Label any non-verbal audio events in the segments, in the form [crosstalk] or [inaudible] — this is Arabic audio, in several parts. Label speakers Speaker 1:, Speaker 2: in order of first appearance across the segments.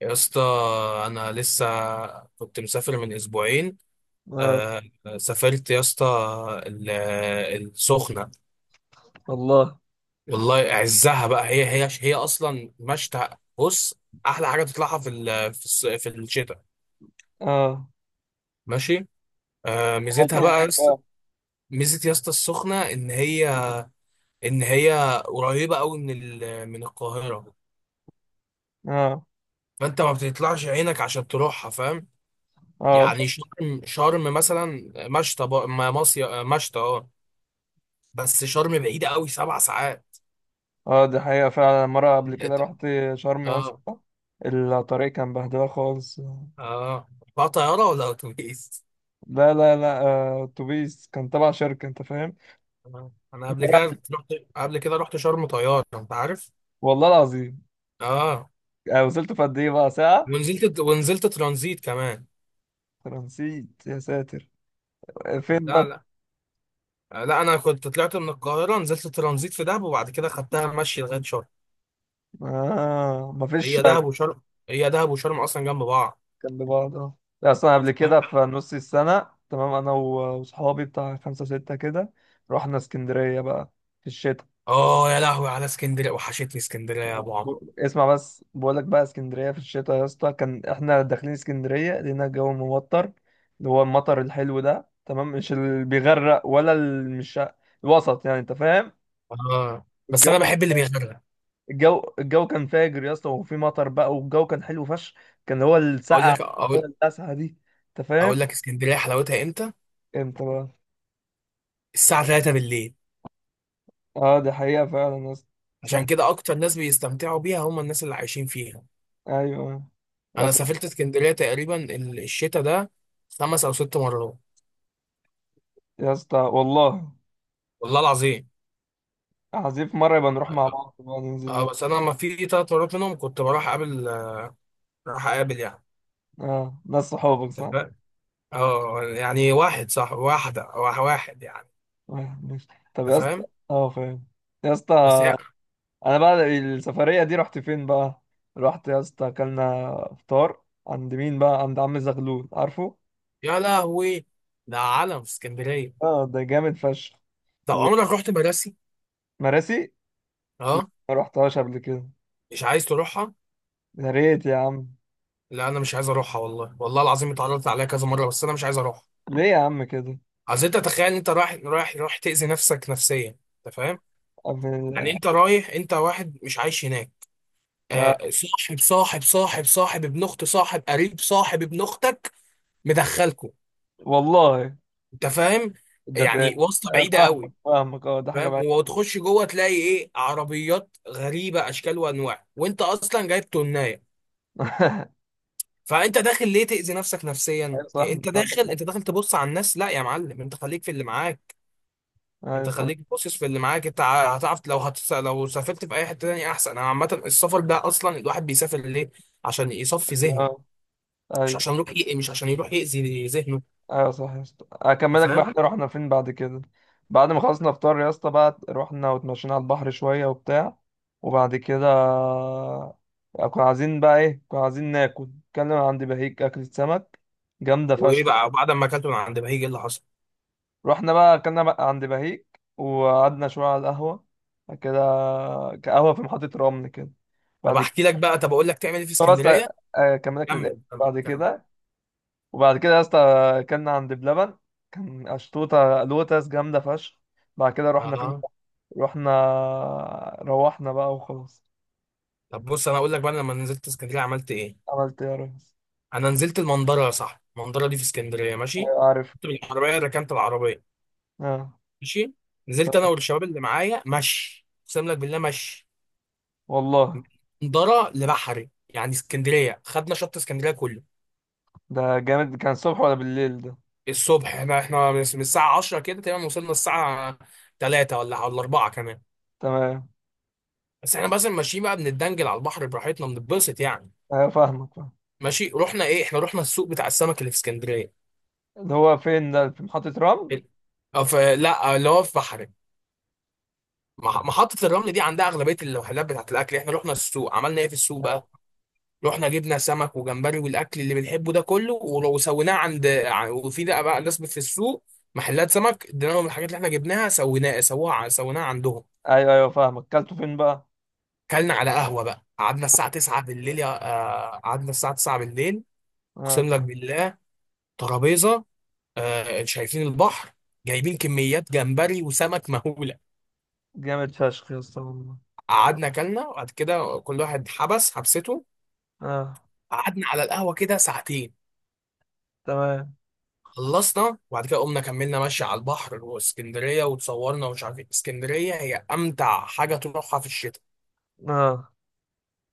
Speaker 1: يا اسطى، انا لسه كنت مسافر من اسبوعين.
Speaker 2: اه.
Speaker 1: آه، سافرت يا اسطى ال- السخنه.
Speaker 2: الله.
Speaker 1: والله اعزها بقى، هي اصلا مشتى. بص، احلى حاجه تطلعها في ال- في الص- في الشتاء.
Speaker 2: اه
Speaker 1: ماشي. آه،
Speaker 2: عملت
Speaker 1: ميزتها
Speaker 2: إيه
Speaker 1: بقى يا
Speaker 2: هناك
Speaker 1: اسطى.
Speaker 2: بقى؟
Speaker 1: ميزه يا اسطى السخنه ان هي، ان هي قريبه قوي من القاهره.
Speaker 2: اه
Speaker 1: فانت ما بتطلعش عينك عشان تروحها، فاهم؟
Speaker 2: اه ف-
Speaker 1: يعني شرم، شرم مثلا مشتى بقى- ما مصيف مشتى اه. بس شرم بعيدة قوي، سبع ساعات.
Speaker 2: اه دي حقيقة فعلا، مرة قبل كده
Speaker 1: أنت-
Speaker 2: رحت شرم يا
Speaker 1: اه.
Speaker 2: اسطى. الطريق كان بهدلة خالص.
Speaker 1: اه، بقى طيارة ولا أتوبيس؟
Speaker 2: لا لا لا، آه، اتوبيس كان تبع شركة، انت فاهم.
Speaker 1: آه. أنا قبل كده رحت، قبل كده رحت شرم طيارة، أنت عارف؟
Speaker 2: والله العظيم.
Speaker 1: اه،
Speaker 2: آه، وصلت في قد ايه بقى؟ ساعة.
Speaker 1: ونزلت ونزلت ترانزيت كمان.
Speaker 2: أنا نسيت يا ساتر. فين
Speaker 1: لا
Speaker 2: بقى؟
Speaker 1: لا لا أنا كنت طلعت من القاهرة، نزلت ترانزيت في دهب وبعد كده خدتها مشي لغاية شرم.
Speaker 2: آه مفيش
Speaker 1: هي
Speaker 2: كان.
Speaker 1: دهب وشرم، هي دهب وشرم أصلا جنب بعض.
Speaker 2: لبعض اه. لا، اصلا قبل كده في نص السنة، تمام، انا و- وصحابي بتاع خمسة ستة كده، رحنا اسكندرية بقى، في الشتاء.
Speaker 1: اه، يا لهوي على اسكندريه، وحشتني اسكندريه يا ابو عمرو.
Speaker 2: اسمع بس، بقول لك بقى اسكندريه في الشتاء يا اسطى، كان احنا داخلين اسكندريه لقينا الجو ممطر، اللي هو المطر الحلو ده، تمام، مش اللي بيغرق ولا اللي مش الوسط، يعني انت فاهم.
Speaker 1: اه، بس انا
Speaker 2: الجو.
Speaker 1: بحب اللي بيغرق.
Speaker 2: الجو كان فاجر يا اسطى، وفي مطر بقى والجو كان حلو فشخ. كان هو
Speaker 1: اقول
Speaker 2: الساعه،
Speaker 1: لك
Speaker 2: هو
Speaker 1: اقول،
Speaker 2: التاسعه دي، انت فاهم.
Speaker 1: اقول لك اسكندريه حلاوتها امتى؟
Speaker 2: امتى بقى.
Speaker 1: الساعة 3 بالليل.
Speaker 2: اه دي حقيقه فعلا يا اسطى، صح.
Speaker 1: عشان كده أكتر ناس بيستمتعوا بيها هم الناس اللي عايشين فيها.
Speaker 2: ايوه. يا
Speaker 1: أنا
Speaker 2: اسطى.
Speaker 1: سافرت اسكندرية تقريبا الشتا ده خمس أو ست مرات.
Speaker 2: يا اسطى والله.
Speaker 1: والله العظيم.
Speaker 2: عايزين في مره يبقى نروح مع بعض بقى ننزل
Speaker 1: اه، بس أنا ما في تلات مرات منهم كنت بروح أقابل، راح أقابل يعني.
Speaker 2: اه، ناس صحابك
Speaker 1: أنت
Speaker 2: صح.
Speaker 1: فاهم؟ اه، يعني واحد صح، واحدة أو واحد يعني.
Speaker 2: آه، ماشي. طب
Speaker 1: أنت
Speaker 2: يا اسطى.
Speaker 1: فاهم.
Speaker 2: اه فاهم. يا
Speaker 1: بس
Speaker 2: اسطى،
Speaker 1: يا،
Speaker 2: انا بقى السفريه دي رحت فين بقى؟ رحت يا اسطى، اكلنا فطار عند مين بقى؟ عند عم زغلول، عارفه.
Speaker 1: يا لهوي، ده عالم في اسكندرية.
Speaker 2: اه ده جامد فشخ.
Speaker 1: طب عمرك رحت مراسي؟
Speaker 2: ومراسي.
Speaker 1: اه.
Speaker 2: ما رحتهاش قبل كده.
Speaker 1: مش عايز تروحها؟
Speaker 2: يا ريت يا عم.
Speaker 1: لا، أنا مش عايز أروحها والله، والله العظيم اتعرضت عليها كذا مرة بس أنا مش عايز أروح.
Speaker 2: ليه يا عم كده.
Speaker 1: اصل انت تخيل ان انت رايح تأذي نفسك نفسيا، انت فاهم؟ يعني
Speaker 2: قبل-
Speaker 1: انت رايح، انت واحد مش عايش هناك. آه،
Speaker 2: آه،
Speaker 1: صاحب ابن اخت صاحب، قريب صاحب، ابن اختك مدخلكوا،
Speaker 2: والله.
Speaker 1: انت فاهم؟
Speaker 2: ده ت-
Speaker 1: يعني واسطة
Speaker 2: آه،
Speaker 1: بعيدة
Speaker 2: فاهمك
Speaker 1: قوي.
Speaker 2: فاهمك، اه ده حاجه
Speaker 1: فاهم،
Speaker 2: بعيده.
Speaker 1: وتخش جوه تلاقي ايه؟ عربيات غريبة اشكال وانواع، وانت اصلا جايب تناية.
Speaker 2: [laughs]
Speaker 1: فانت داخل ليه تأذي نفسك نفسيا
Speaker 2: ايوه صح،
Speaker 1: إيه، انت
Speaker 2: انت عندك
Speaker 1: داخل،
Speaker 2: حق.
Speaker 1: انت داخل تبص على الناس. لا يا معلم، انت خليك في اللي معاك. انت
Speaker 2: ايوه فاهم.
Speaker 1: خليك باصص في اللي معاك. هتعرف لو لو سافرت في اي حته تانية احسن. انا عامه السفر ده اصلا الواحد بيسافر ليه؟ عشان يصفي ذهنه،
Speaker 2: آه،
Speaker 1: مش
Speaker 2: ايوه.
Speaker 1: عشان يروح مش عشان يروح يأذي ذهنه.
Speaker 2: ايوه صح يا اسطى،
Speaker 1: انت
Speaker 2: اكملك بقى،
Speaker 1: فاهم.
Speaker 2: احنا رحنا فين بعد كده؟ بعد ما خلصنا فطار يا اسطى بقى، رحنا واتمشينا على البحر شويه وبتاع، وبعد كده كنا عايزين بقى ايه، كنا عايزين ناكل، كنا عند بهيك اكلة سمك جامده
Speaker 1: وايه
Speaker 2: فشخ.
Speaker 1: بقى بعد ما اكلت من عند بهيج، ايه اللي حصل؟
Speaker 2: رحنا بقى اكلنا بقى عند بهيك، وقعدنا شويه على القهوه، بعد كده قهوه في محطه رمل كده.
Speaker 1: طب
Speaker 2: بعد
Speaker 1: احكي
Speaker 2: كده
Speaker 1: لك بقى، طب اقول لك تعمل ايه في
Speaker 2: بس أ-
Speaker 1: اسكندريه.
Speaker 2: اكملك للاخر
Speaker 1: كمل كمل
Speaker 2: بعد
Speaker 1: كمل
Speaker 2: كده. وبعد كده يا اسطى، اكلنا عند بلبن، كان اشطوطه لوتس جامده فشخ. بعد كده رحنا فين؟
Speaker 1: اه،
Speaker 2: رحنا. روحنا بقى وخلاص.
Speaker 1: طب بص انا اقول لك بقى، أنا لما نزلت اسكندريه عملت ايه؟
Speaker 2: عملت إيه يا ريس؟
Speaker 1: انا نزلت المنظره يا صاحبي، المنظره دي في اسكندريه، ماشي.
Speaker 2: ايوه عارف.
Speaker 1: كنت بالعربيه، ركنت العربيه،
Speaker 2: اه
Speaker 1: ماشي. نزلت انا
Speaker 2: تمام.
Speaker 1: والشباب اللي معايا مشي، اقسم لك بالله مشي،
Speaker 2: والله.
Speaker 1: درة لبحري يعني اسكندرية، خدنا شط اسكندرية كله.
Speaker 2: ده جامد. كان الصبح ولا بالليل ده؟
Speaker 1: الصبح، احنا من الساعة 10 كده تقريبا، وصلنا الساعة 3 ولا 4 كمان.
Speaker 2: تمام.
Speaker 1: بس احنا بس ماشيين بقى، بنتدنجل على البحر براحتنا، بنتبسط يعني.
Speaker 2: ايوه فاهمك فاهم.
Speaker 1: ماشي، رحنا ايه؟ احنا رحنا السوق بتاع السمك اللي في اسكندرية.
Speaker 2: اللي هو فين ده، في محطة رمل؟
Speaker 1: ال- اه، في، لا اه، اللي هو في بحري. محطة الرمل دي عندها أغلبية المحلات بتاعت الأكل. احنا رحنا السوق، عملنا ايه في السوق بقى؟
Speaker 2: آه.
Speaker 1: رحنا جبنا سمك وجمبري والاكل اللي بنحبه ده كله، ولو سويناه وفي ده بقى ناس في السوق، محلات سمك، اديناهم الحاجات اللي احنا جبناها سويناه سووها سويناها عندهم.
Speaker 2: ايوه ايوه فاهمك، كلته فين بقى؟
Speaker 1: كلنا على قهوه بقى، قعدنا الساعه 9 بالليل يا، آه، قعدنا الساعه 9 بالليل.
Speaker 2: اه
Speaker 1: اقسم لك بالله، ترابيزه، آه، شايفين البحر، جايبين كميات جمبري وسمك مهوله.
Speaker 2: جامد فشخ يا اسطى والله.
Speaker 1: قعدنا كلنا، وبعد كده كل واحد حبس حبسته.
Speaker 2: اه
Speaker 1: قعدنا على القهوه كده ساعتين.
Speaker 2: تمام.
Speaker 1: خلصنا وبعد كده قمنا، كملنا ماشي على البحر واسكندريه، وتصورنا ومش عارف ايه. اسكندريه هي امتع حاجه تروحها في الشتاء،
Speaker 2: اه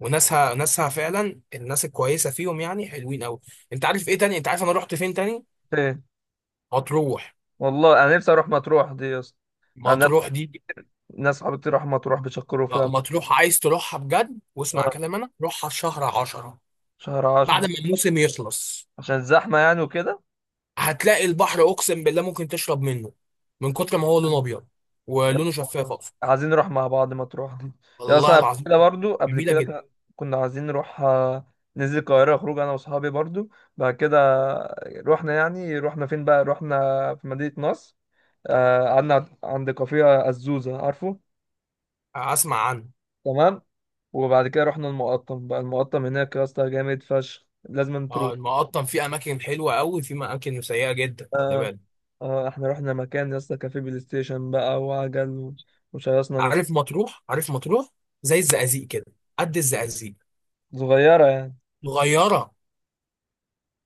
Speaker 1: وناسها، ناسها فعلا الناس الكويسه فيهم، يعني حلوين قوي. انت عارف ايه تاني؟ انت عارف انا رحت فين تاني؟
Speaker 2: فين.
Speaker 1: مطروح.
Speaker 2: والله انا نفسي اروح مطروح دي يا اسطى. انا،
Speaker 1: مطروح دي،
Speaker 2: ناس صحابي كتير راحوا مطروح بيشكروا
Speaker 1: آه،
Speaker 2: فيها.
Speaker 1: مطروح عايز تروحها بجد واسمع
Speaker 2: آه،
Speaker 1: كلام انا، روحها في شهر 10
Speaker 2: شهر
Speaker 1: بعد
Speaker 2: عشرة.
Speaker 1: ما الموسم يخلص.
Speaker 2: عشان زحمة يعني وكده.
Speaker 1: هتلاقي البحر اقسم بالله ممكن تشرب منه من كتر ما هو
Speaker 2: آه،
Speaker 1: لونه ابيض، ولونه شفاف اقصد.
Speaker 2: عايزين نروح مع بعض مطروح دي. يا، اصلا
Speaker 1: والله
Speaker 2: قبل
Speaker 1: العظيم،
Speaker 2: كده برضو، قبل
Speaker 1: جميله
Speaker 2: كده
Speaker 1: جدا.
Speaker 2: كنا عايزين نروح، آه، ننزل القاهرة خروج انا واصحابي برضو. بعد كده رحنا، يعني رحنا فين بقى؟ رحنا في مدينة نصر، آه، قعدنا عند كافيه الزوزة، عارفه.
Speaker 1: اسمع عنها.
Speaker 2: تمام. وبعد كده رحنا المقطم بقى، المقطم هناك يا اسطى جامد فشخ، لازم
Speaker 1: اه،
Speaker 2: تروح.
Speaker 1: المقطم فيه اماكن حلوه قوي، في اماكن سيئه جدا، خلي بالك.
Speaker 2: اه احنا رحنا مكان يا اسطى كافيه بلاي ستيشن بقى وعجل وشيصنا نفسنا.
Speaker 1: عارف مطروح؟ عارف مطروح زي الزقازيق كده، قد الزقازيق،
Speaker 2: صغيرة يعني.
Speaker 1: صغيره.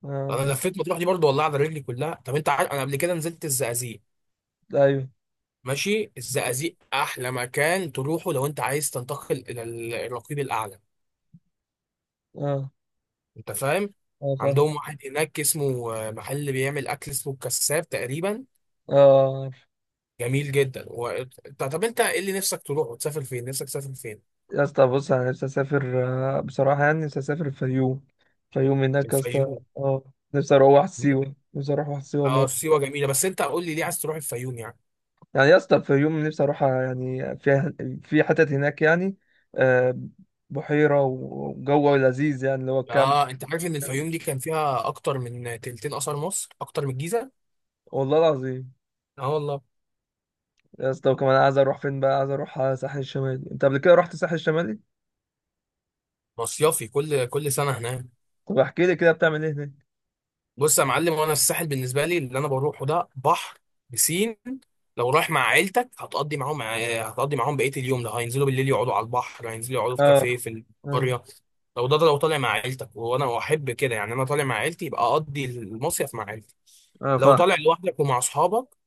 Speaker 2: اه.
Speaker 1: انا لفيت مطروح دي برضو والله على رجلي كلها. طب انت عارف انا قبل كده نزلت الزقازيق،
Speaker 2: ايوه.
Speaker 1: ماشي؟ الزقازيق احلى مكان تروحه لو انت عايز تنتقل الى الرقيب الاعلى.
Speaker 2: اه.
Speaker 1: انت فاهم.
Speaker 2: اه فاهم.
Speaker 1: عندهم واحد هناك اسمه آه، محل بيعمل اكل اسمه الكساب تقريبا.
Speaker 2: اه
Speaker 1: جميل جدا و... طب انت ايه اللي نفسك تروح وتسافر فين؟ نفسك تسافر فين؟
Speaker 2: يا اسطى، بص انا نفسي اسافر آه، بصراحة يعني نفسي اسافر الفيوم. الفيوم هناك يا اسطى،
Speaker 1: الفيوم.
Speaker 2: اه نفسي اروح واحد سيوة، نفسي اروح واحد سيوة
Speaker 1: اه،
Speaker 2: مو.
Speaker 1: سيوه جميله، بس انت قول لي ليه عايز تروح الفيوم يعني؟
Speaker 2: يعني يا اسطى الفيوم نفسي اروح، يعني فيها، في حتت هناك يعني، آه، بحيرة وجو لذيذ يعني اللي هو الكامب.
Speaker 1: اه، انت عارف ان الفيوم دي كان فيها اكتر من تلتين اثار مصر، اكتر من الجيزه؟
Speaker 2: والله العظيم.
Speaker 1: اه، والله.
Speaker 2: يا اسطى وكمان عايز اروح فين بقى؟ عايز اروح على الساحل الشمالي. انت قبل كده رحت الساحل الشمالي؟
Speaker 1: مصيافي كل كل سنه هناك.
Speaker 2: طب احكي لي كده بتعمل ايه هناك.
Speaker 1: بص يا معلم، وانا الساحل بالنسبه لي اللي انا بروحه ده بحر، بسين. لو رايح مع عيلتك هتقضي معاهم، هتقضي معاهم بقيه اليوم ده، هينزلوا بالليل يقعدوا على البحر، هينزلوا يقعدوا في
Speaker 2: اه.
Speaker 1: كافيه في
Speaker 2: اه.
Speaker 1: القريه. لو ده، ده لو طالع مع عيلتك، وانا احب كده، يعني انا طالع مع عيلتي يبقى اقضي المصيف مع عيلتي.
Speaker 2: اه
Speaker 1: لو
Speaker 2: فاهم.
Speaker 1: طالع لوحدك ومع اصحابك،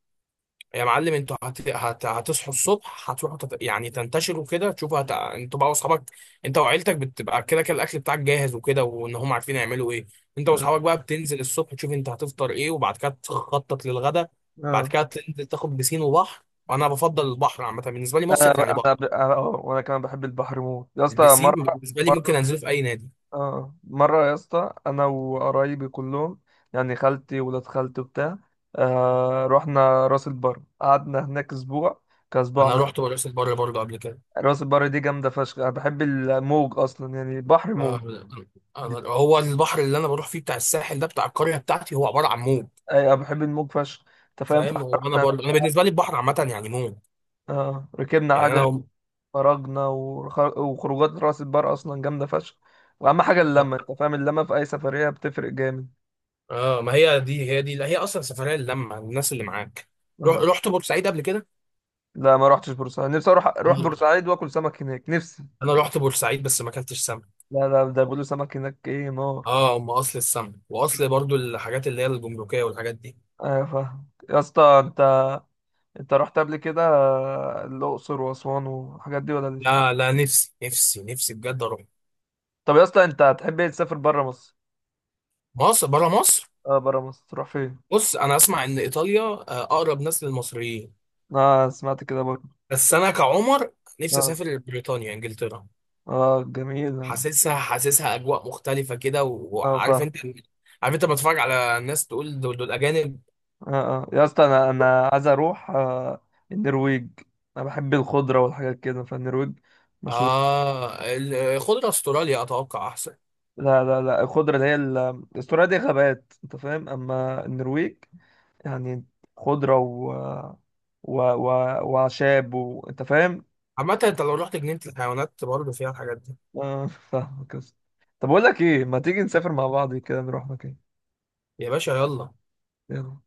Speaker 1: يا معلم انتوا هتصحوا الصبح، هتروحوا يعني تنتشروا كده تشوفوا انتوا بقى واصحابك. انت وعيلتك بتبقى كده كده الاكل بتاعك جاهز وكده، وان هم عارفين يعملوا ايه. انت
Speaker 2: اه.
Speaker 1: واصحابك بقى بتنزل الصبح تشوف انت هتفطر ايه، وبعد كده تخطط للغدا. بعد
Speaker 2: آه.
Speaker 1: كده تنزل تاخد بسين وبحر. وانا بفضل البحر عامه، بالنسبه لي
Speaker 2: انا
Speaker 1: مصيف يعني بحر.
Speaker 2: انا أنا- أه، وانا كمان بحب البحر موت يا اسطى،
Speaker 1: البسين
Speaker 2: مره.
Speaker 1: بالنسبه لي
Speaker 2: مره.
Speaker 1: ممكن انزله في اي نادي.
Speaker 2: اه مره يا اسطى، انا وقرايبي كلهم، يعني خالتي، ولاد خالتي وبتاع، آه رحنا راس البر، قعدنا هناك اسبوع، كاسبوع
Speaker 1: انا
Speaker 2: م-
Speaker 1: رحت مراسي البر برضه قبل كده.
Speaker 2: راس البر دي جامده فشخ، انا بحب الموج اصلا، يعني بحر
Speaker 1: آه،
Speaker 2: موج. دي-
Speaker 1: هو البحر اللي انا بروح فيه بتاع الساحل ده بتاع القريه بتاعتي هو عباره عن موج.
Speaker 2: أي، انا بحب الموج فشخ انت فاهم،
Speaker 1: فاهم، هو انا
Speaker 2: فاحنا.
Speaker 1: برضه انا بالنسبه لي البحر عامه يعني موت.
Speaker 2: اه ركبنا
Speaker 1: يعني
Speaker 2: عجل، خرجنا وخروجات راس البر اصلا جامده فشخ. واهم حاجه اللمه، انت فاهم، اللمه في اي سفريه بتفرق جامد.
Speaker 1: اه، ما هي دي، هي دي هي اصلا سفريه للمه الناس اللي معاك. روح،
Speaker 2: اه.
Speaker 1: رحت بورسعيد قبل كده؟
Speaker 2: لا ما رحتش بورسعيد، نفسي اروح
Speaker 1: انا
Speaker 2: اروح بورسعيد واكل سمك هناك، نفسي.
Speaker 1: انا رحت بورسعيد بس ما اكلتش سمك.
Speaker 2: لا لا، ده بيقولوا سمك هناك ايه، نار.
Speaker 1: اه، هم اصل السمك، واصل برضو الحاجات اللي هي الجمركيه والحاجات دي.
Speaker 2: ايوه فاهم يا اسطى. انت رحت قبل كده آه، الاقصر واسوان والحاجات دي، ولا لسه؟
Speaker 1: لا، نفسي بجد اروح
Speaker 2: طب يا اسطى، انت هتحب ايه، تسافر بره مصر؟
Speaker 1: مصر، بره مصر.
Speaker 2: اه بره مصر تروح فين؟
Speaker 1: بص انا اسمع ان ايطاليا آه، اقرب ناس للمصريين.
Speaker 2: اه سمعت كده برضه.
Speaker 1: بس انا كعمر نفسي
Speaker 2: اه
Speaker 1: اسافر بريطانيا، انجلترا.
Speaker 2: اه جميل يعني.
Speaker 1: حاسسها، حاسسها اجواء مختلفه كده
Speaker 2: اه
Speaker 1: وعارف
Speaker 2: فاهم.
Speaker 1: انت، عارف انت بتفرج على الناس تقول دول اجانب.
Speaker 2: اه. اه يا اسطى، انا عايز اروح آه، النرويج. انا بحب الخضره والحاجات كده، فالنرويج مشهور.
Speaker 1: اه، خضره استراليا اتوقع احسن.
Speaker 2: لا لا لا، الخضره اللي هي استراليا دي غابات، انت فاهم، اما النرويج يعني خضره و وعشاب و، انت فاهم.
Speaker 1: عامه انت لو رحت جنينه الحيوانات برضه فيها الحاجات دي.
Speaker 2: اه فاهمك يا اسطى. طب اقول لك ايه، ما تيجي نسافر مع بعض كده نروح مكان.
Speaker 1: يا باشا يلا.
Speaker 2: يلا.